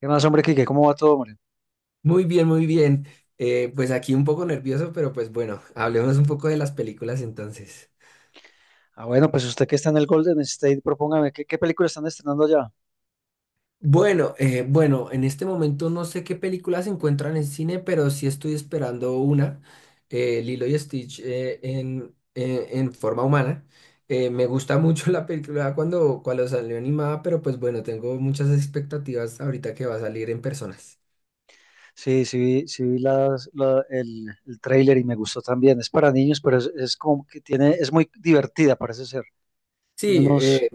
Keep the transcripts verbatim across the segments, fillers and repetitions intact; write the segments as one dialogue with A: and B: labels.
A: ¿Qué más, hombre, Kike? ¿Cómo va todo, hombre?
B: Muy bien, muy bien. Eh, pues aquí un poco nervioso, pero pues bueno, hablemos un poco de las películas entonces.
A: Ah, bueno, pues usted que está en el Golden State, propóngame, ¿qué, qué película están estrenando allá?
B: Bueno, eh, bueno, en este momento no sé qué películas se encuentran en cine, pero sí estoy esperando una, eh, Lilo y Stitch eh, en, eh, en forma humana. Eh, me gusta mucho la película cuando, cuando salió animada, pero pues bueno, tengo muchas expectativas ahorita que va a salir en personas.
A: Sí, sí, vi- sí vi las- la- el, el tráiler y me gustó también. Es para niños, pero es, es como que tiene, es muy divertida, parece ser. Tiene
B: Sí,
A: unos...
B: eh,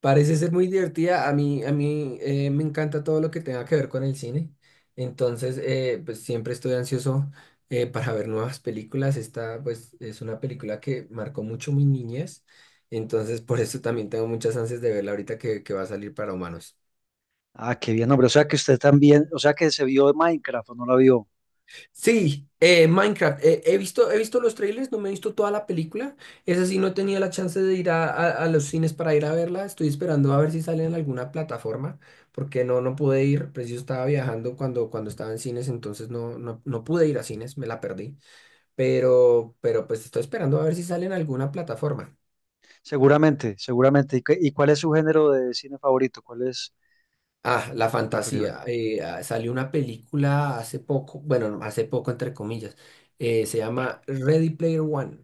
B: parece ser muy divertida. A mí, a mí eh, me encanta todo lo que tenga que ver con el cine. Entonces, eh, pues siempre estoy ansioso, eh, para ver nuevas películas. Esta, pues, es una película que marcó mucho mi niñez. Entonces, por eso también tengo muchas ansias de verla ahorita que, que va a salir para humanos.
A: Ah, qué bien, hombre. O sea que usted también, o sea que se vio de Minecraft o no la vio.
B: Sí, eh, Minecraft. Eh, he visto, he visto los trailers, no me he visto toda la película. Esa sí no tenía la chance de ir a, a- a los cines para ir a verla. Estoy esperando a ver si sale en alguna plataforma, porque no, no pude ir. Preciso estaba viajando cuando, cuando estaba en cines, entonces no, no, no pude ir a cines, me la perdí. Pero, pero pues estoy esperando a ver si sale en alguna plataforma.
A: Seguramente, seguramente. ¿Y, qué- y cuál es su género de cine favorito? ¿Cuál es
B: Ah, la
A: preferido?
B: fantasía. Eh, ah, salió una película hace poco, bueno, no, hace poco entre comillas, eh, se llama Ready Player One.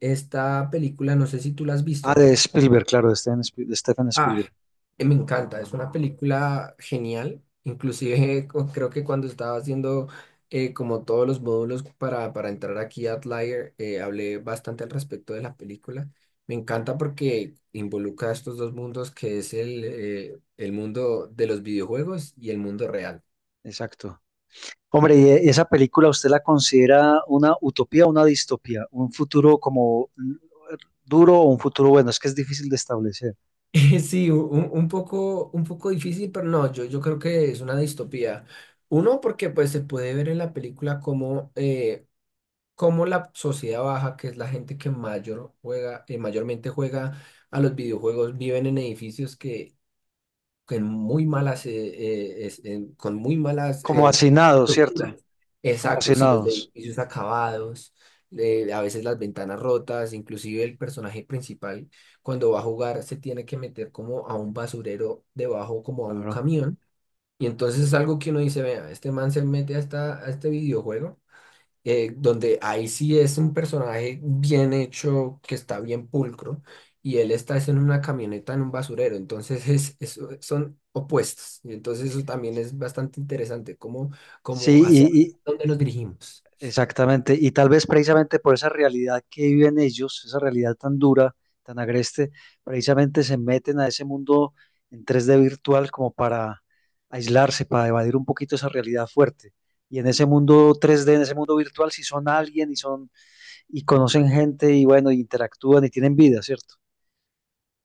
B: Esta película, no sé si tú la has
A: Ah,
B: visto.
A: de Spielberg, claro, de Steven Spiel- de Stephen
B: Ah,
A: Spielberg.
B: eh, me encanta, es una película genial. Inclusive cu- creo que cuando estaba haciendo, eh, como todos los módulos para, para entrar aquí a Outlier, eh, hablé bastante al respecto de la película. Me encanta porque involucra estos dos mundos que es el, eh, el mundo de los videojuegos y el mundo real.
A: Exacto. Hombre, ¿y e, esa película usted la considera una utopía o una distopía? ¿Un futuro como mm, duro o un futuro bueno? Es que es difícil de establecer.
B: Sí, u- un, un poco, un poco difícil, pero no, yo, yo creo que es una distopía. Uno, porque pues se puede ver en la película como cómo la sociedad baja, que es la gente que mayor juega, eh, mayormente juega a los videojuegos, viven en edificios que con muy malas, eh, eh, es- en- con muy malas,
A: Como
B: eh,
A: hacinados, ¿cierto?
B: estructuras.
A: Como
B: Exacto, sí, los
A: hacinados.
B: edificios acabados, eh, a veces las ventanas rotas, inclusive el personaje principal cuando va a jugar se tiene que meter como a un basurero debajo, como a un
A: Claro.
B: camión. Y entonces es algo que uno dice, vea, este man se mete a, esta- a este videojuego, eh, donde ahí sí es un personaje bien hecho, que está bien pulcro, y él está es en una camioneta en un basurero, entonces es, es- son opuestos, y entonces eso también es bastante interesante, cómo,
A: Sí,
B: cómo hacia
A: y, y-
B: dónde nos dirigimos.
A: exactamente. Y tal vez precisamente por esa realidad que viven ellos, esa realidad tan dura, tan agreste, precisamente se meten a ese mundo en tres D virtual como para aislarse, para evadir un poquito esa realidad fuerte. Y en ese mundo tres D, en ese mundo virtual, si son alguien y son y conocen gente y bueno, interactúan y tienen vida, ¿cierto?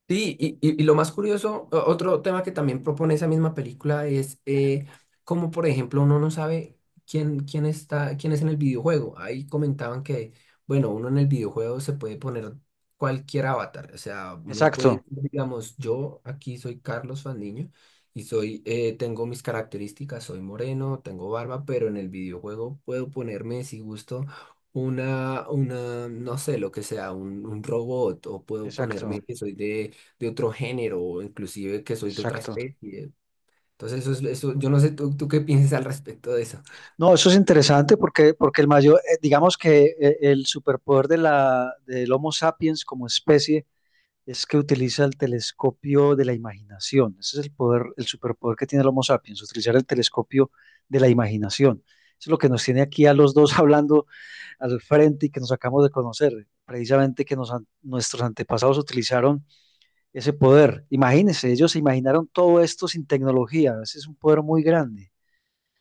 B: Sí, y, y- y lo más curioso, o- otro tema que también propone esa misma película es, eh, cómo, por ejemplo, uno no sabe quién, quién está, quién es en el videojuego. Ahí comentaban que, bueno, uno en el videojuego se puede poner cualquier avatar. O sea, uno
A: Exacto,
B: puede, digamos, yo aquí soy Carlos Fandiño y soy, eh, tengo mis características, soy moreno, tengo barba, pero en el videojuego puedo ponerme, si gusto, una, una, no sé, lo que sea, un, un robot, o puedo ponerme
A: exacto,
B: que soy de de otro género o inclusive que soy de otra, pues,
A: exacto.
B: especie. Entonces, eso es, eso, yo no sé tú, tú qué piensas al respecto de eso.
A: No, eso es interesante porque, porque el mayor, eh, digamos que eh, el superpoder de la, del Homo sapiens como especie es que utiliza el telescopio de la imaginación. Ese es el poder, el superpoder que tiene el Homo sapiens, utilizar el telescopio de la imaginación. Eso es lo que nos tiene aquí a los dos hablando al frente y que nos acabamos de conocer. Precisamente que nos an- nuestros antepasados utilizaron ese poder. Imagínense, ellos se imaginaron todo esto sin tecnología, ese es un poder muy grande.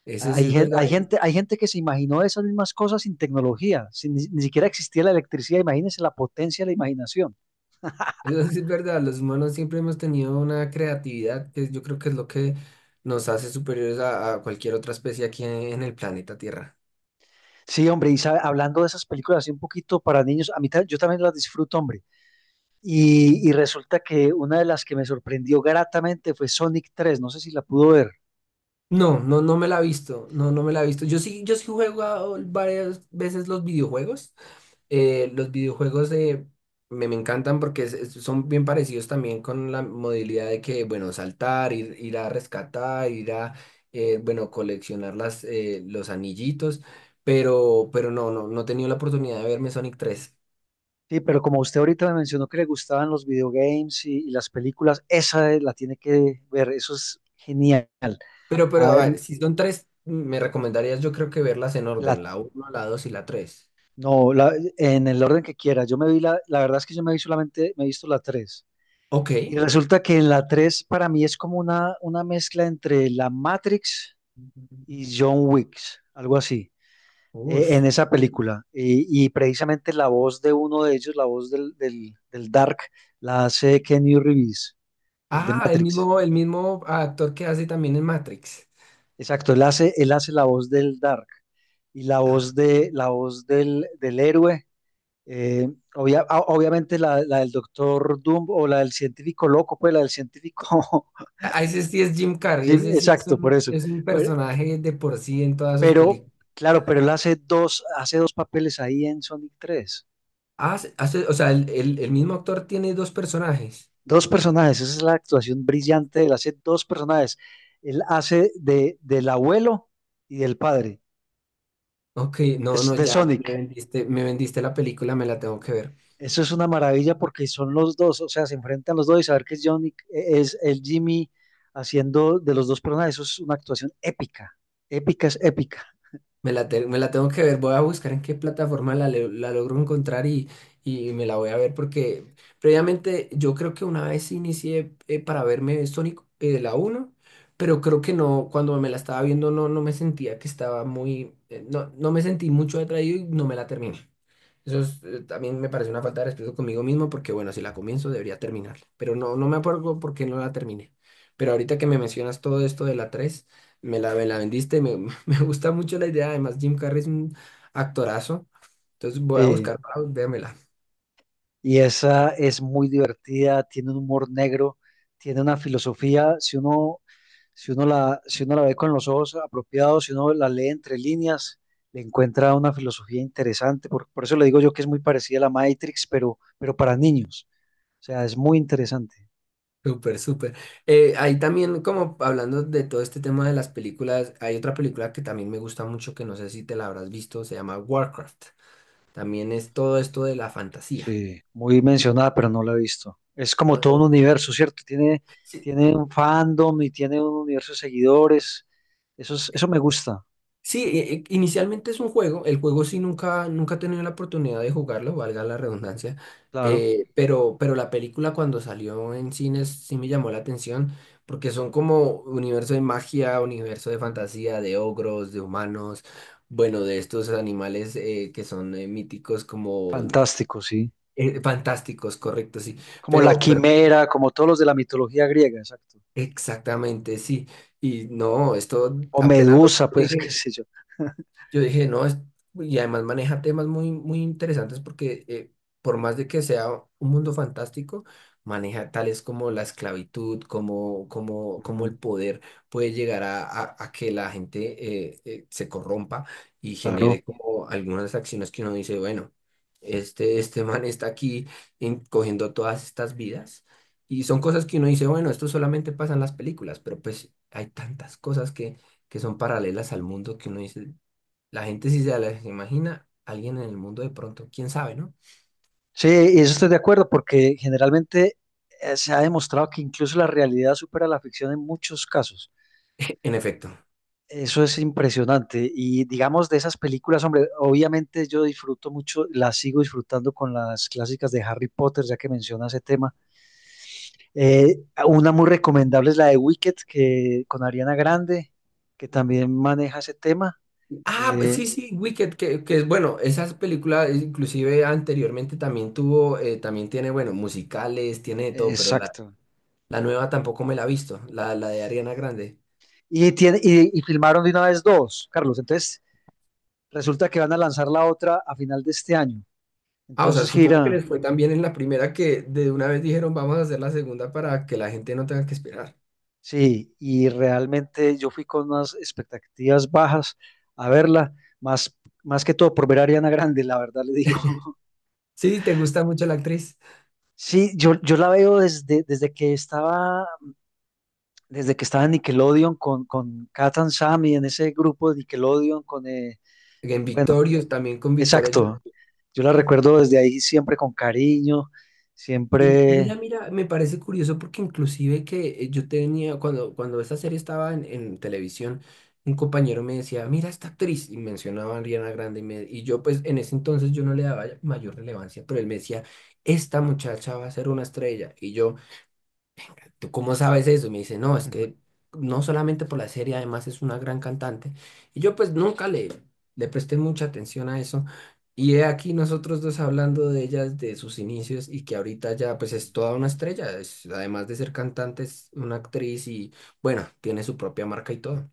B: Eso sí
A: Hay,
B: es
A: gen-
B: verdad,
A: hay gente, hay gente que se imaginó esas mismas cosas sin tecnología, sin, ni, ni siquiera existía la electricidad, imagínense la potencia de la imaginación.
B: eso sí es verdad. Los humanos siempre hemos tenido una creatividad que yo creo que es lo que nos hace superiores a, a cualquier otra especie aquí en el planeta Tierra.
A: Sí, hombre, y sabe, hablando de esas películas así un poquito para niños, a mí ta- yo también las disfruto, hombre. Y, y resulta que una de las que me sorprendió gratamente fue Sonic tres, no sé si la pudo ver.
B: No, no, no me la he visto. No, no me la he visto. Yo sí, yo sí he jugado varias veces los videojuegos. eh, los videojuegos eh, me, me encantan porque es- es- son bien parecidos también con la modalidad de que, bueno, saltar, ir, ir a rescatar, ir a, eh, bueno, coleccionar las, eh, los anillitos, pero, pero no, no, no he tenido la oportunidad de verme Sonic tres.
A: Sí, pero como usted ahorita me mencionó que le gustaban los videogames y, y las películas, esa eh, la tiene que ver, eso es genial.
B: Pero, pero,
A: Ah,
B: a
A: mm,
B: ver, si son tres, me recomendarías yo creo que verlas en
A: la-
B: orden, la uno, la dos y la tres.
A: no, la- en el orden que quiera. Yo me vi la, la verdad es que yo me vi solamente, me he visto la tres.
B: Ok.
A: Y resulta que en la tres para mí es como una, una mezcla entre la Matrix y John Wick, algo así,
B: Uy.
A: eh, en esa película. Y, y precisamente la voz de uno de ellos, la voz del, del, del Dark, la hace Kenny Reeves, el de
B: Ah, el
A: Matrix.
B: mismo, el mismo actor que hace también en Matrix.
A: Exacto, él hace, él hace la voz del Dark. Y la
B: Ah,
A: voz de, la voz del, del héroe. Eh, obvia- a- obviamente la, la del Doctor Doom o la del científico loco, pues la del científico.
B: ah, ese sí es Jim Carrey,
A: Jim,
B: ese sí es
A: exacto, por
B: un,
A: eso.
B: es un
A: Pero,
B: personaje de por sí en todas sus
A: pero,
B: películas.
A: claro, pero él hace dos, hace dos papeles ahí en Sonic tres.
B: Ah, se- hace- o sea, el, el- el mismo actor tiene dos personajes.
A: Dos personajes, esa es la actuación brillante de él, hace dos personajes. Él hace de, del abuelo y del padre,
B: Ok, no,
A: es
B: no,
A: de
B: ya me
A: Sonic.
B: vendiste, me vendiste la película, me la tengo que ver.
A: Eso es una maravilla porque son los dos, o sea, se enfrentan los dos y saber que es Johnny, e-, es el Jimmy haciendo de los dos personajes, eso es una actuación épica, épica es épica.
B: Me la, te- me la tengo que ver, voy a buscar en qué plataforma la, le- la logro encontrar, y, y me la voy a ver porque previamente yo creo que una vez inicié, eh, para verme Sonic, eh, la uno, pero creo que no, cuando me la estaba viendo no, no me sentía que estaba muy, eh, no, no me sentí mucho atraído y no me la terminé. Eso es, eh, también me parece una falta de respeto conmigo mismo porque, bueno, si la comienzo debería terminarla. Pero no, no me acuerdo por qué no la terminé. Pero ahorita que me mencionas todo esto de la tres me la, me la vendiste, me, me gusta mucho la idea. Además, Jim Carrey es un actorazo. Entonces voy a
A: Sí.
B: buscar para véamela.
A: Y esa es muy divertida, tiene un humor negro, tiene una filosofía, si uno, si uno la, si uno la ve con los ojos apropiados, si uno la lee entre líneas, le encuentra una filosofía interesante, por, por eso le digo yo que es muy parecida a la Matrix, pero, pero para niños, o sea, es muy interesante.
B: Súper, súper. Eh, ahí también, como hablando de todo este tema de las películas, hay otra película que también me gusta mucho, que no sé si te la habrás visto, se llama Warcraft. También es todo esto de la fantasía,
A: Sí, muy mencionada, pero no la he visto. Es como
B: ¿no?
A: todo un universo, ¿cierto? Tiene, tiene un fandom y tiene un universo de seguidores. Eso es- eso me gusta,
B: Sí, eh, eh, inicialmente es un juego, el juego sí nunca, nunca he tenido la oportunidad de jugarlo, valga la redundancia,
A: claro.
B: eh, pero, pero la película cuando salió en cines sí me llamó la atención porque son como universo de magia, universo de
A: Mm,
B: fantasía, de ogros, de humanos, bueno, de estos animales, eh, que son, eh, míticos como,
A: fantástico, sí.
B: eh, fantásticos, correcto, sí,
A: Como la
B: pero, pero
A: quimera, como todos los de la mitología griega, exacto.
B: exactamente, sí, y no, esto
A: O
B: apenas lo-
A: Medusa, pues, qué
B: eh,
A: sé yo.
B: yo dije, no, es, y además maneja temas muy, muy interesantes porque, eh, por más de que sea un mundo fantástico, maneja tales como la esclavitud, como, como, como
A: Ujú,
B: el poder puede llegar a, a- a que la gente, eh, eh, se corrompa y
A: claro.
B: genere como algunas acciones que uno dice, bueno, este, este man está aquí en- cogiendo todas estas vidas. Y son cosas que uno dice, bueno, esto solamente pasa en las películas, pero pues hay tantas cosas que, que son paralelas al mundo que uno dice. La gente sí se las imagina, alguien en el mundo de pronto, quién sabe, ¿no?
A: Sí, y eso estoy de acuerdo, porque generalmente eh, se ha demostrado que incluso la realidad supera la ficción en muchos casos.
B: En efecto.
A: Eso es impresionante. Y digamos de esas películas, hombre, obviamente yo disfruto mucho, las sigo disfrutando con las clásicas de Harry Potter, ya que menciona ese tema. Eh, una muy recomendable es la de Wicked, que con Ariana Grande, que también maneja ese tema.
B: Ah, pues
A: Eh,
B: sí, sí, Wicked, que, que es bueno, esas películas, eh, inclusive anteriormente también tuvo, eh, también tiene, bueno, musicales, tiene de todo, pero la,
A: exacto.
B: la nueva tampoco me la he visto, la, la de Ariana Grande.
A: Y, tiene, y, y filmaron de una vez dos, Carlos. Entonces, resulta que van a lanzar la otra a final de este año.
B: Ah, o sea,
A: Entonces,
B: supongo que
A: gira,
B: les fue tan bien en la primera que de una vez dijeron, vamos a hacer la segunda para que la gente no tenga que esperar.
A: sí, y realmente yo fui con unas expectativas bajas a verla, más, más que todo por ver a Ariana Grande, la verdad le digo.
B: Sí, te gusta mucho la actriz.
A: Sí, yo, yo la veo desde, desde que estaba, desde que estaba en Nickelodeon con, con Kat and Sammy, en ese grupo de Nickelodeon con eh,
B: En Victorious, también con Victoria.
A: exacto. Yo la recuerdo desde ahí siempre con cariño,
B: Y mira,
A: siempre.
B: mira, me parece curioso porque inclusive que, eh, yo tenía, cuando, cuando esta serie estaba en, en televisión, un compañero me decía, mira esta actriz, y mencionaba a Ariana Grande, y, me- y yo pues en ese entonces yo no le daba mayor relevancia, pero él me decía, esta muchacha va a ser una estrella, y yo... ¿Tú cómo sabes eso? Y me dice, no, es que no solamente por la serie, además es una gran cantante. Y yo pues nunca le, le presté mucha atención a eso. Y he aquí nosotros dos hablando de ellas, de sus inicios y que ahorita ya pues es toda una estrella. Es- además de ser cantante, es una actriz y bueno, tiene su propia marca y todo.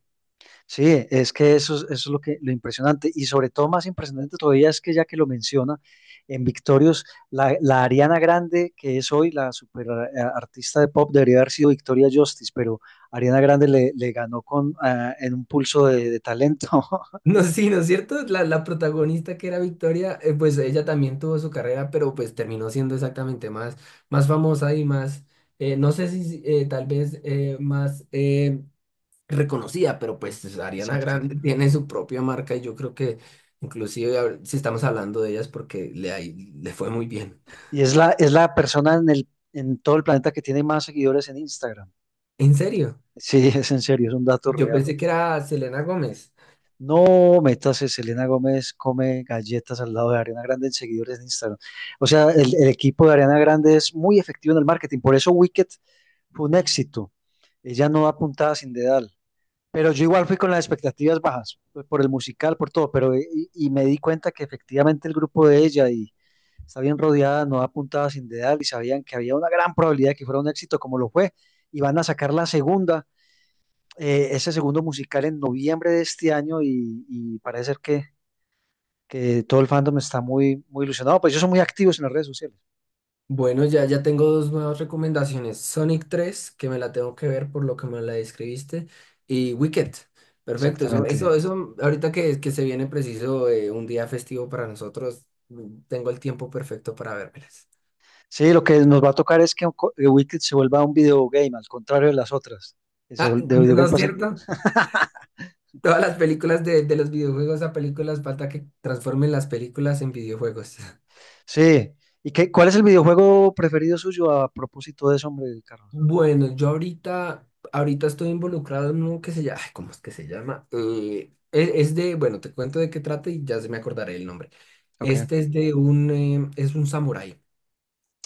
A: Sí, es que eso, es- eso es lo que lo impresionante y sobre todo más impresionante todavía es que ya que lo menciona en Victorious, la, la Ariana Grande que es hoy la super eh, artista de pop debería haber sido Victoria Justice, pero Ariana Grande le, le ganó con ah, en un pulso de, de talento.
B: No, sí, ¿no es cierto? La, la protagonista que era Victoria, eh, pues ella también tuvo su carrera, pero pues terminó siendo exactamente más, más famosa y más, eh, no sé si si, eh, tal vez eh, más eh, reconocida, pero pues Ariana
A: Exacto.
B: Grande tiene su propia marca y yo creo que inclusive a- si estamos hablando de ellas porque le, ha i- le fue muy bien.
A: Y es la es la persona en el en todo el planeta que tiene más seguidores en Instagram.
B: En serio,
A: Sí, es en serio, es un dato
B: yo
A: real.
B: pensé que era Selena Gómez.
A: No, métase, Selena Gómez come galletas al lado de Ariana Grande en seguidores de Instagram. O sea, el, el equipo de Ariana Grande es muy efectivo en el marketing, por eso Wicked fue un éxito. Ella no da puntada sin dedal, pero yo igual fui con las expectativas bajas, pues, por el musical, por todo, pero y, y me di cuenta que efectivamente el grupo de ella y está bien rodeada, no da puntada sin dedal y sabían que había una gran probabilidad de que fuera un éxito como lo fue y van a sacar la segunda eh, ese segundo musical en noviembre de este año y, y parece ser que, que todo el fandom está muy, muy ilusionado, pues ellos son muy activos en las redes sociales.
B: Bueno, ya, ya tengo dos nuevas recomendaciones. Sonic tres, que me la tengo que ver por lo que me la describiste, y Wicked. Perfecto, eso,
A: Exactamente.
B: eso, eso, ahorita que, que se viene preciso, eh, un día festivo para nosotros, mm, tengo el tiempo perfecto para vérmelas.
A: Sí, lo que nos va a tocar es que co- eh, Wicked se vuelva un videogame, al contrario de las otras. Que se
B: Ah,
A: vuel- de
B: ¿no no
A: videogame
B: es
A: pasan.
B: cierto? Todas las películas de, de los videojuegos a películas, falta que transformen las películas en videojuegos.
A: Sí. ¿Y qué, cuál es el videojuego preferido suyo a propósito de eso, hombre, Carlos?
B: Bueno, yo ahorita, ahorita estoy involucrado en uno que se llama, ay, ¿cómo es que se llama? Eh, es, es de, bueno, te cuento de qué trata y ya se me acordaré el nombre.
A: Ok.
B: Este es de un, eh, es un samurái.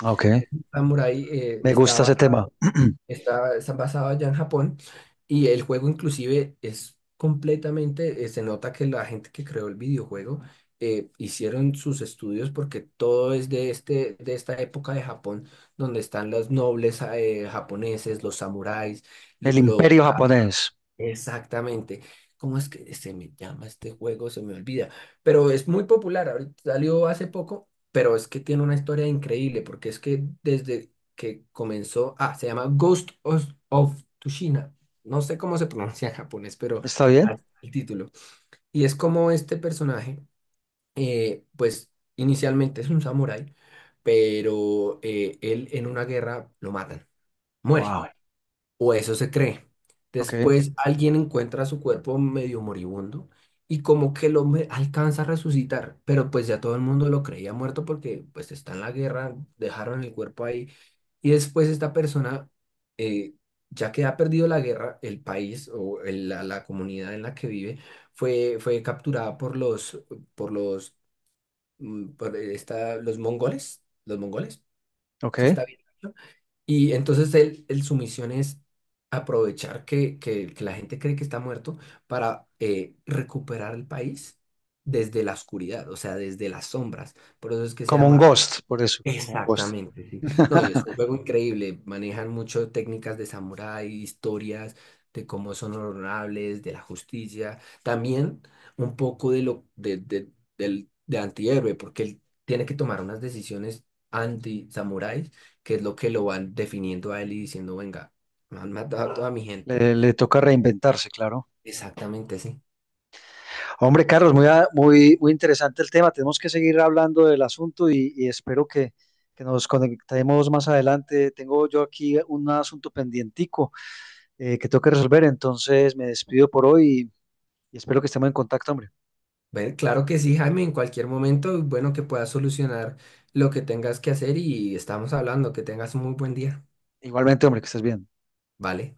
A: Ok.
B: Es un samurái, eh,
A: Me gusta
B: estaba.
A: ese tema.
B: Está, está basado allá en Japón y el juego inclusive es completamente, eh, se nota que la gente que creó el videojuego, eh, hicieron sus estudios porque todo es de, este, de esta época de Japón donde están los nobles, eh, japoneses, los samuráis, lo,
A: El
B: lo-
A: Imperio Japonés.
B: Exactamente. ¿Cómo es que se me llama este juego? Se me olvida. Pero es muy popular. Ahorita salió hace poco, pero es que tiene una historia increíble porque es que desde que comenzó, ah, se llama Ghost of, of Tsushima. No sé cómo se pronuncia en japonés, pero
A: ¿Está
B: así
A: bien?
B: es el título. Y es como este personaje, eh, pues inicialmente es un samurái, pero eh, él en una guerra lo matan, muere
A: Wow.
B: o eso se cree.
A: Ok.
B: Después alguien encuentra su cuerpo medio moribundo y como que lo hombre alcanza a resucitar, pero pues ya todo el mundo lo creía muerto porque pues está en la guerra, dejaron el cuerpo ahí y después esta persona, eh, ya que ha perdido la guerra, el país o el- la, la comunidad en la que vive, fue, fue capturada por los, por los, mm, por esta, los mongoles, los mongoles,
A: Ok.
B: ¿sí está bien? Y entonces él, él- su misión es aprovechar que, que- que la gente cree que está muerto para, eh, recuperar el país desde la oscuridad, o sea, desde las sombras. Por eso es que se
A: Como un
B: llama.
A: Ghost, por eso. Como un Ghost.
B: Exactamente, sí. No, y es un juego increíble. Manejan mucho técnicas de samurái, historias de cómo son honorables, de la justicia. También un poco de lo de, de, del, de antihéroe, porque él tiene que tomar unas decisiones anti-samuráis, que es lo que lo van definiendo a él y diciendo, venga, me han matado a toda mi gente.
A: Le, le toca reinventarse, claro.
B: Exactamente, sí.
A: Hombre, Carlos, muy, a- muy, muy interesante el tema. Tenemos que seguir hablando del asunto y, y espero que, que nos conectemos más adelante. Tengo yo aquí un asunto pendientico eh, que tengo que resolver, entonces me despido por hoy y, y espero que estemos en contacto, hombre.
B: Bueno, claro que sí, Jaime, en cualquier momento, bueno, que puedas solucionar lo que tengas que hacer y estamos hablando, que tengas un muy buen día.
A: Igualmente, hombre, que estés bien.
B: ¿Vale?